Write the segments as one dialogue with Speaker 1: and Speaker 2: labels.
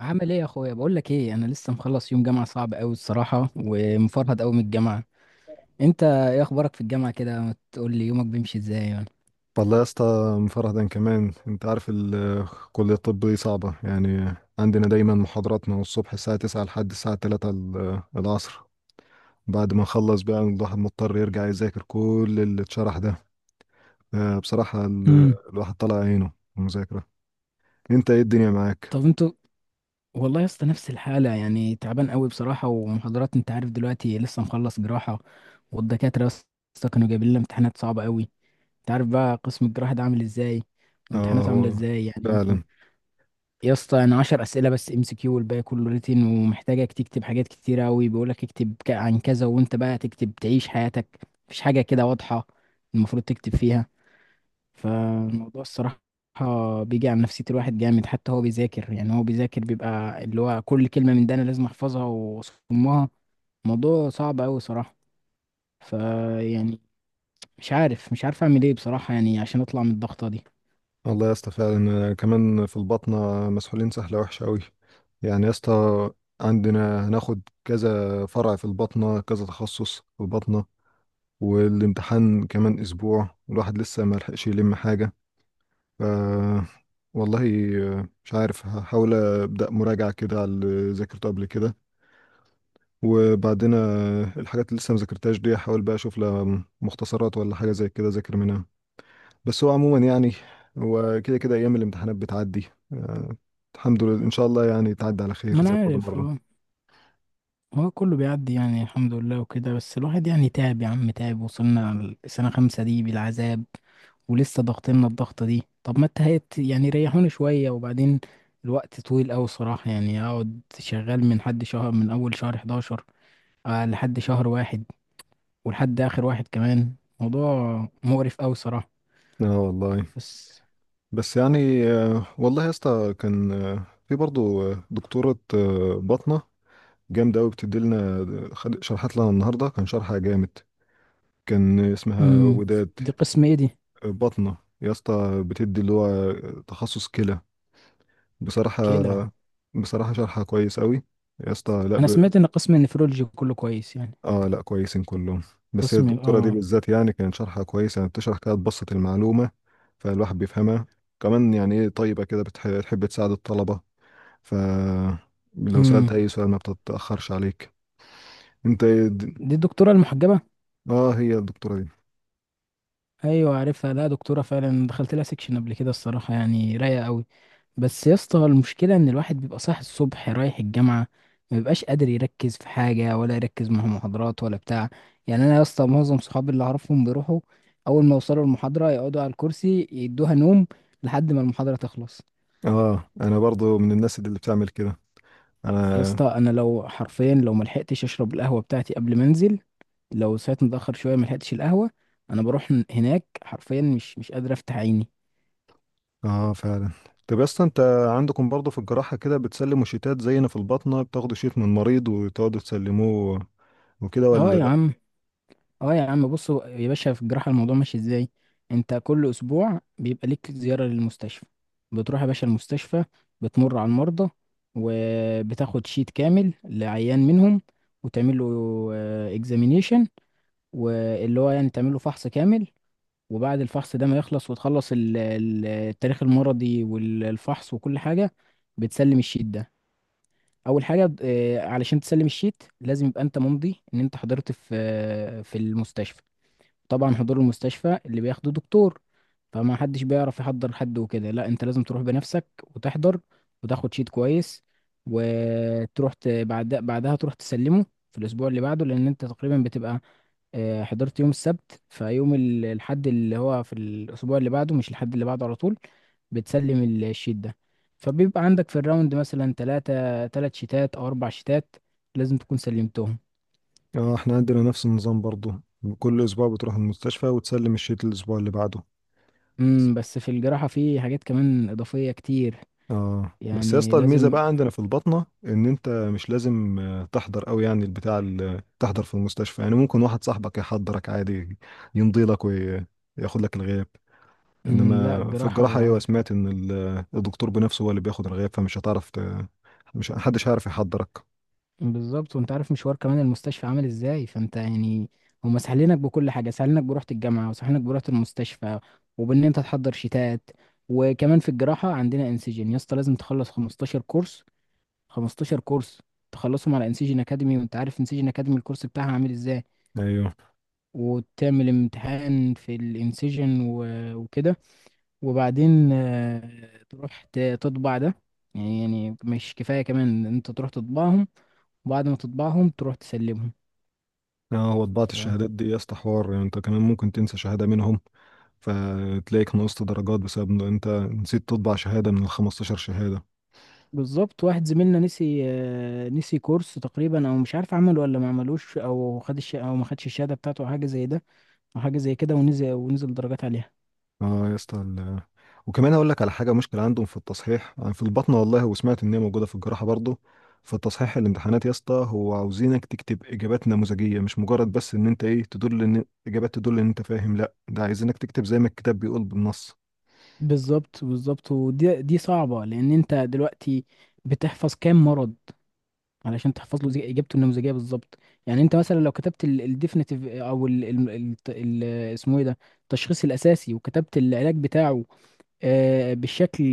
Speaker 1: عامل ايه يا اخويا؟ بقول لك ايه، انا لسه مخلص يوم جامعه صعب قوي الصراحه، ومفرهد قوي من الجامعه. انت ايه اخبارك في الجامعه كده؟ ما تقول لي يومك بيمشي ازاي يعني؟
Speaker 2: والله يا اسطى مفرهدا كمان. انت عارف كلية الطب دي صعبة، يعني عندنا دايما محاضرات من الصبح الساعة 9 لحد الساعة 3 العصر. بعد ما نخلص بقى الواحد مضطر يرجع يذاكر كل اللي اتشرح ده. بصراحة
Speaker 1: امم
Speaker 2: الواحد طلع عينه في المذاكرة. انت ايه الدنيا معاك؟
Speaker 1: طب انتوا؟ والله يا اسطى نفس الحاله، يعني تعبان قوي بصراحه، ومحاضرات، انت عارف دلوقتي لسه مخلص جراحه، والدكاتره يا اسطى كانوا جايبين لنا امتحانات صعبه قوي. انت عارف بقى قسم الجراحه ده عامل ازاي،
Speaker 2: اه
Speaker 1: وامتحاناته عامله
Speaker 2: هو
Speaker 1: ازاي يعني؟
Speaker 2: فعلا.
Speaker 1: يا اسطى انا 10 اسئله بس ام سي كيو، والباقي كله ريتن، ومحتاجك تكتب حاجات كتير قوي. بيقول لك اكتب عن كذا، وانت بقى تكتب تعيش حياتك. مفيش حاجه كده واضحه المفروض تكتب فيها. فالموضوع الصراحه بيجي على نفسيه الواحد جامد، حتى هو بيذاكر، يعني هو بيذاكر بيبقى اللي هو كل كلمه من ده انا لازم احفظها واصمها. موضوع صعب قوي صراحه، فيعني مش عارف اعمل ايه بصراحه، يعني عشان اطلع من الضغطه دي.
Speaker 2: والله يا اسطى فعلا، كمان في البطنة مسحولين سحلة وحشة أوي، يعني يا اسطى عندنا هناخد كذا فرع في البطنة، كذا تخصص في البطنة. والامتحان كمان اسبوع والواحد لسه ما لحقش يلم حاجه. ف والله مش عارف، هحاول ابدا مراجعه كده على اللي ذاكرته قبل كده، وبعدين الحاجات اللي لسه ما ذاكرتهاش دي احاول بقى اشوف لها مختصرات ولا حاجه زي كده ذاكر منها. بس هو عموما يعني هو كده كده ايام الامتحانات بتعدي. آه، الحمد لله ان شاء الله يعني تعدي على خير
Speaker 1: ما انا
Speaker 2: زي كل
Speaker 1: عارف،
Speaker 2: مره.
Speaker 1: هو كله بيعدي يعني الحمد لله وكده. بس الواحد يعني تعب يا عم، تعب. وصلنا لسنة خمسة دي بالعذاب، ولسه ضاغطيننا الضغطة دي. طب ما التهيت يعني، ريحوني شوية، وبعدين الوقت طويل أوي صراحة، يعني أقعد شغال من حد شهر، من أول شهر 11 لحد شهر واحد، ولحد آخر واحد كمان. موضوع مقرف أوي صراحة.
Speaker 2: اه والله.
Speaker 1: بس
Speaker 2: بس يعني والله يا اسطى كان في برضه دكتوره بطنه جامد قوي بتدي لنا. خد شرحت لنا النهارده كان شرحها جامد. كان اسمها
Speaker 1: مم.
Speaker 2: وداد.
Speaker 1: دي قسم إيه دي؟
Speaker 2: بطنه يا اسطى بتدي اللي هو تخصص كلى. بصراحه
Speaker 1: كلى.
Speaker 2: بصراحه شرحها كويس قوي يا اسطى. لا
Speaker 1: أنا
Speaker 2: ب...
Speaker 1: سمعت إن قسم النفرولوجي كله كويس يعني.
Speaker 2: اه لا كويسين كلهم. بس هي
Speaker 1: قسم ال-،
Speaker 2: الدكتوره دي بالذات يعني كان شرحها كويس، يعني بتشرح كده تبسط المعلومه، فالواحد بيفهمها. كمان يعني ايه طيبه كده، بتحب تساعد الطلبه. ف لو
Speaker 1: مم.
Speaker 2: سالت اي سؤال ما بتتاخرش عليك. انت إيه د-؟
Speaker 1: دي الدكتورة المحجبة؟
Speaker 2: اه هي الدكتوره دي.
Speaker 1: ايوه عارفها، لا دكتوره فعلا، دخلت لها سكشن قبل كده الصراحه، يعني رايقه قوي. بس يا اسطى المشكله ان الواحد بيبقى صاحي الصبح رايح الجامعه، ما بيبقاش قادر يركز في حاجه، ولا يركز مع محاضرات ولا بتاع. يعني انا يا اسطى معظم صحابي اللي اعرفهم بيروحوا اول ما يوصلوا المحاضره يقعدوا على الكرسي يدوها نوم لحد ما المحاضره تخلص.
Speaker 2: اه انا برضو من الناس اللي بتعمل كده.
Speaker 1: يا
Speaker 2: انا.
Speaker 1: اسطى انا لو حرفيا، لو ملحقتش اشرب القهوه بتاعتي قبل ما انزل، لو صحيت متاخر شويه ملحقتش القهوه، انا بروح هناك حرفيا مش قادر افتح عيني.
Speaker 2: اه فعلا. طب يا اسطى انت، عندكم برضو في الجراحة كده بتسلموا شيتات زينا في الباطنة؟ بتاخدوا شيت من المريض وتقعدوا تسلموه وكده
Speaker 1: اه
Speaker 2: ولا
Speaker 1: يا
Speaker 2: لا؟
Speaker 1: عم، اه يا عم، بص يا باشا، في الجراحة الموضوع ماشي ازاي، انت كل اسبوع بيبقى ليك زيارة للمستشفى، بتروح يا باشا المستشفى، بتمر على المرضى، وبتاخد شيت كامل لعيان منهم، وتعمل له اكزامينيشن، واللي هو يعني تعمل له فحص كامل. وبعد الفحص ده ما يخلص وتخلص التاريخ المرضي والفحص وكل حاجة، بتسلم الشيت ده. اول حاجة، علشان تسلم الشيت لازم يبقى انت ممضي ان انت حضرت في المستشفى. طبعا حضور المستشفى اللي بياخده دكتور، فما حدش بيعرف يحضر حد وكده، لا انت لازم تروح بنفسك وتحضر، وتاخد شيت كويس، وتروح بعدها تروح تسلمه في الاسبوع اللي بعده، لان انت تقريبا بتبقى حضرت يوم السبت، فيوم الحد اللي هو في الاسبوع اللي بعده، مش الحد اللي بعده على طول، بتسلم الشيت ده. فبيبقى عندك في الراوند مثلا ثلاث شيتات او اربع شيتات، لازم تكون سلمتهم.
Speaker 2: اه احنا عندنا نفس النظام برضو، كل اسبوع بتروح المستشفى وتسلم الشيت الاسبوع اللي بعده.
Speaker 1: امم، بس في الجراحة في حاجات كمان إضافية كتير.
Speaker 2: اه بس يا
Speaker 1: يعني
Speaker 2: اسطى الميزه
Speaker 1: لازم
Speaker 2: بقى عندنا في البطنه ان انت مش لازم تحضر قوي، يعني البتاع تحضر في المستشفى، يعني ممكن واحد صاحبك يحضرك عادي يمضي لك وياخد لك الغياب.
Speaker 1: لا،
Speaker 2: انما في الجراحه
Speaker 1: الجراحة
Speaker 2: ايوه سمعت ان الدكتور بنفسه هو اللي بياخد الغياب، فمش هتعرف ت... مش محدش هيعرف يحضرك.
Speaker 1: بالظبط، وانت عارف مشوار كمان المستشفى عامل ازاي، فانت يعني هما سهلينك بكل حاجة، سهلينك بروحة الجامعة، وسهلينك بروحة المستشفى، وبان انت تحضر شتات. وكمان في الجراحة عندنا انسجين يا اسطى، لازم تخلص 15 كورس، 15 كورس تخلصهم على انسجين اكاديمي، وانت عارف انسجين اكاديمي الكورس بتاعها عامل ازاي،
Speaker 2: ايوه.
Speaker 1: وتعمل امتحان في الانسجين و- وكده، وبعدين تروح تطبع ده. يعني يعني مش كفاية كمان إن انت تروح تطبعهم، وبعد ما تطبعهم تروح تسلمهم.
Speaker 2: اه هو طباعه
Speaker 1: ف
Speaker 2: الشهادات دي يا اسطى حوار، يعني انت كمان ممكن تنسى شهاده منهم، فتلاقيك نقصت درجات بسبب ان انت نسيت تطبع شهاده من ال 15 شهاده.
Speaker 1: بالظبط، واحد زميلنا نسي كورس تقريبا، او مش عارف عمله ولا ما عملوش، او ما خدش الشهادة بتاعته، او حاجة زي كده، ونزل درجات عليها.
Speaker 2: اه يا اسطى وكمان اقول لك على حاجه. مشكله عندهم في التصحيح يعني في البطنه، والله وسمعت ان هي موجوده في الجراحه برضه. في التصحيح الامتحانات يا اسطى هو عاوزينك تكتب اجابات نموذجيه، مش مجرد بس ان انت ايه تدل ان اجابات تدل ان انت فاهم، لا ده عايزينك تكتب زي ما الكتاب بيقول بالنص.
Speaker 1: بالظبط، ودي صعبة، لان انت دلوقتي بتحفظ كام مرض علشان تحفظ له اجابته النموذجيه بالظبط. يعني انت مثلا لو كتبت الديفينيتيف، او ال اسمه ايه ده التشخيص الاساسي، وكتبت العلاج بتاعه، آه، بالشكل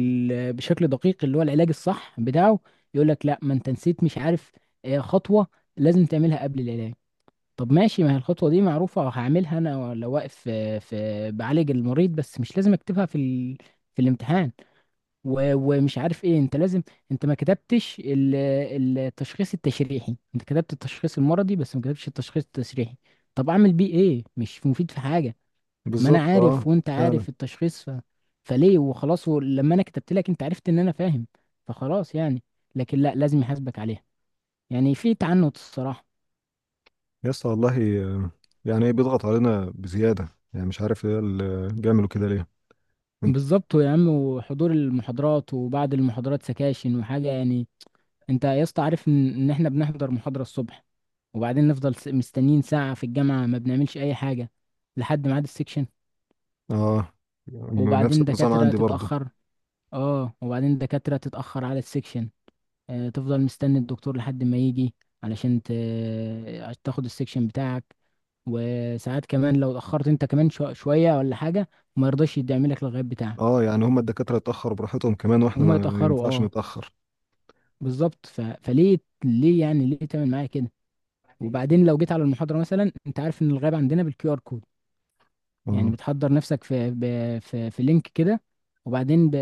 Speaker 1: بشكل دقيق، اللي هو العلاج الصح بتاعه، يقول لك لا، ما انت نسيت، مش عارف، خطوه لازم تعملها قبل العلاج. طب ماشي، ما هي الخطوه دي معروفه هعملها انا لو واقف بعالج المريض، بس مش لازم اكتبها في الامتحان. ومش عارف ايه، انت لازم انت ما كتبتش التشخيص التشريحي، انت كتبت التشخيص المرضي، بس ما كتبتش التشخيص التشريحي. طب اعمل بيه ايه، مش مفيد في حاجة. ما انا
Speaker 2: بالظبط. اه
Speaker 1: عارف، وانت
Speaker 2: فعلا.
Speaker 1: عارف التشخيص. فليه؟ وخلاص، لما انا كتبت لك انت عرفت ان انا فاهم، فخلاص يعني. لكن لا، لازم يحاسبك عليها، يعني في تعنت الصراحة.
Speaker 2: يا اسطى والله يعني ايه بيضغط علينا بزياده، يعني مش عارف ايه اللي بيعملوا كده ليه. انت-؟
Speaker 1: بالظبط يا عم، وحضور المحاضرات، وبعد المحاضرات سكاشن وحاجة يعني. انت يا اسطى عارف ان احنا بنحضر محاضرة الصبح، وبعدين نفضل مستنيين ساعة في الجامعة ما بنعملش اي حاجة لحد ميعاد السكشن.
Speaker 2: اه نفس
Speaker 1: وبعدين
Speaker 2: النظام
Speaker 1: دكاترة
Speaker 2: عندي برضه.
Speaker 1: تتأخر اه وبعدين دكاترة تتأخر على السكشن. اه، تفضل مستني الدكتور لحد ما يجي، علشان ت... عشان تاخد السكشن بتاعك. وساعات كمان لو اتأخرت انت كمان شوية ولا حاجة، ما يرضاش يدعم لك الغياب بتاعك.
Speaker 2: اه يعني هم الدكاتره اتاخروا براحتهم كمان واحنا
Speaker 1: هما
Speaker 2: ما
Speaker 1: يتأخروا،
Speaker 2: ينفعش
Speaker 1: اه.
Speaker 2: نتاخر.
Speaker 1: بالظبط. فليه؟ ليه يعني؟ ليه تعمل معايا كده؟ وبعدين لو جيت على المحاضرة مثلا، انت عارف ان الغاب عندنا بالكيو ار كود، يعني
Speaker 2: اه
Speaker 1: بتحضر نفسك في لينك كده، وبعدين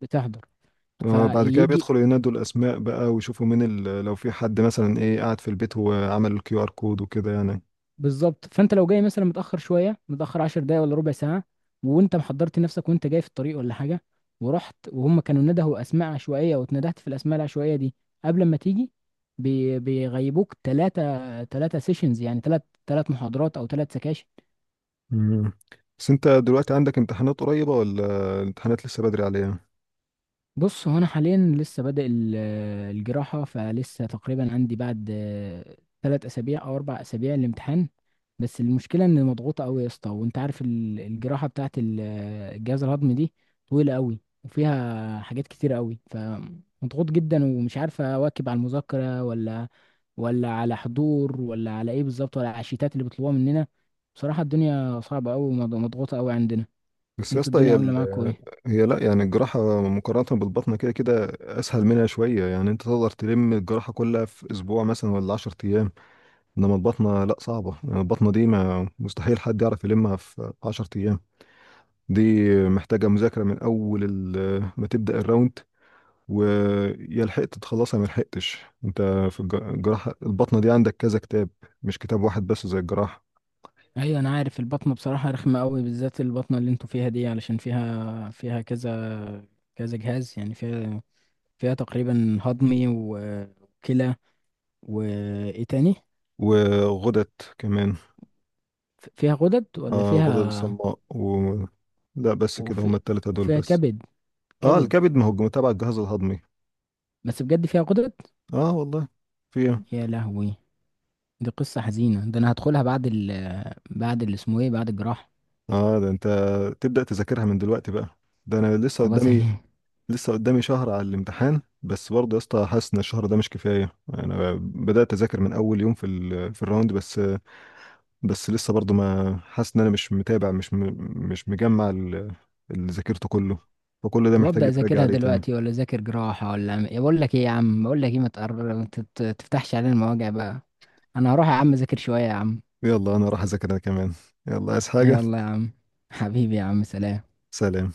Speaker 1: بتحضر
Speaker 2: بعد كده
Speaker 1: فيجي.
Speaker 2: بيدخلوا ينادوا الاسماء بقى ويشوفوا مين ال...، لو في حد مثلا ايه قاعد في البيت وعمل الكيو ار كود وكده يعني.
Speaker 1: بالظبط، فانت لو جاي مثلا متأخر شوية، متأخر 10 دقايق ولا ربع ساعة، وانت محضرت نفسك وانت جاي في الطريق ولا حاجة، ورحت، وهم كانوا ندهوا اسماء عشوائية، واتندهت في الاسماء العشوائية دي قبل ما تيجي، بيغيبوك ثلاثة سيشنز، يعني ثلاث محاضرات او ثلاث سكاشن.
Speaker 2: مم. بس انت دلوقتي عندك امتحانات قريبة ولا الامتحانات لسه بدري عليها؟
Speaker 1: بص هو انا حاليا لسه بادئ الجراحه، فلسه تقريبا عندي بعد ثلاث اسابيع او اربع اسابيع الامتحان. بس المشكله ان مضغوطه قوي يا اسطى، وانت عارف الجراحه بتاعت الجهاز الهضمي دي، طويله قوي وفيها حاجات كتير قوي، فمضغوط جدا ومش عارف اواكب على المذاكره ولا على حضور، ولا على ايه بالظبط، ولا على الشيتات اللي بيطلبوها مننا. بصراحه الدنيا صعبه قوي ومضغوطه قوي عندنا.
Speaker 2: بس يا
Speaker 1: انتوا
Speaker 2: اسطى
Speaker 1: الدنيا
Speaker 2: هي
Speaker 1: عامله
Speaker 2: ال...
Speaker 1: معاكم ايه؟
Speaker 2: هي لا، يعني الجراحة مقارنة بالبطنة كده كده اسهل منها شوية، يعني انت تقدر تلم الجراحة كلها في اسبوع مثلا ولا 10 ايام. انما البطنة لا صعبة، يعني البطنة دي ما مستحيل حد يعرف يلمها في 10 ايام. دي محتاجة مذاكرة من أول ما تبدأ الراوند، ويا لحقت تخلصها ما لحقتش. انت في الجراحة. البطنة دي عندك كذا كتاب، مش كتاب واحد بس زي الجراحة.
Speaker 1: ايوه انا عارف، البطنه بصراحه رخمه قوي، بالذات البطنه اللي انتوا فيها دي، علشان فيها كذا كذا جهاز، يعني فيها تقريبا هضمي و- وكلى، وايه تاني؟
Speaker 2: وغدد كمان.
Speaker 1: فيها غدد ولا
Speaker 2: آه غدد
Speaker 1: فيها،
Speaker 2: الصماء و... لا بس كده هما
Speaker 1: وفي
Speaker 2: التلاتة دول
Speaker 1: وفيها
Speaker 2: بس.
Speaker 1: كبد،
Speaker 2: اه
Speaker 1: كبد.
Speaker 2: الكبد، ما هو تبع الجهاز الهضمي.
Speaker 1: بس بجد فيها غدد.
Speaker 2: اه والله. في ايه؟
Speaker 1: يا لهوي، دي قصه حزينه، ده انا هدخلها بعد اللي اسمه ايه، بعد الجراحه.
Speaker 2: اه ده انت تبدأ تذاكرها من دلوقتي بقى؟ ده انا لسه
Speaker 1: طب ازاي؟
Speaker 2: قدامي. لسه قدامي شهر على الامتحان، بس برضه يا اسطى حاسس ان الشهر ده مش كفايه. انا بدات اذاكر من اول يوم في في الراوند بس. بس لسه برضه ما حاسس ان انا مش متابع، مش م... مش مجمع اللي ذاكرته كله. فكل ده
Speaker 1: طب
Speaker 2: محتاج
Speaker 1: ابدا
Speaker 2: يتراجع
Speaker 1: اذاكرها
Speaker 2: عليه تاني.
Speaker 1: دلوقتي، ولا اذاكر جراحه، ولا أعمل- إيه؟ بقول لك ايه يا عم بقول لك ايه ما تفتحش علينا المواجع بقى. انا هروح يا عم اذاكر شويه يا عم.
Speaker 2: يلا انا راح اذاكر انا كمان. يلا عايز حاجه؟
Speaker 1: يلا يا عم، حبيبي يا عم، سلام.
Speaker 2: سلام.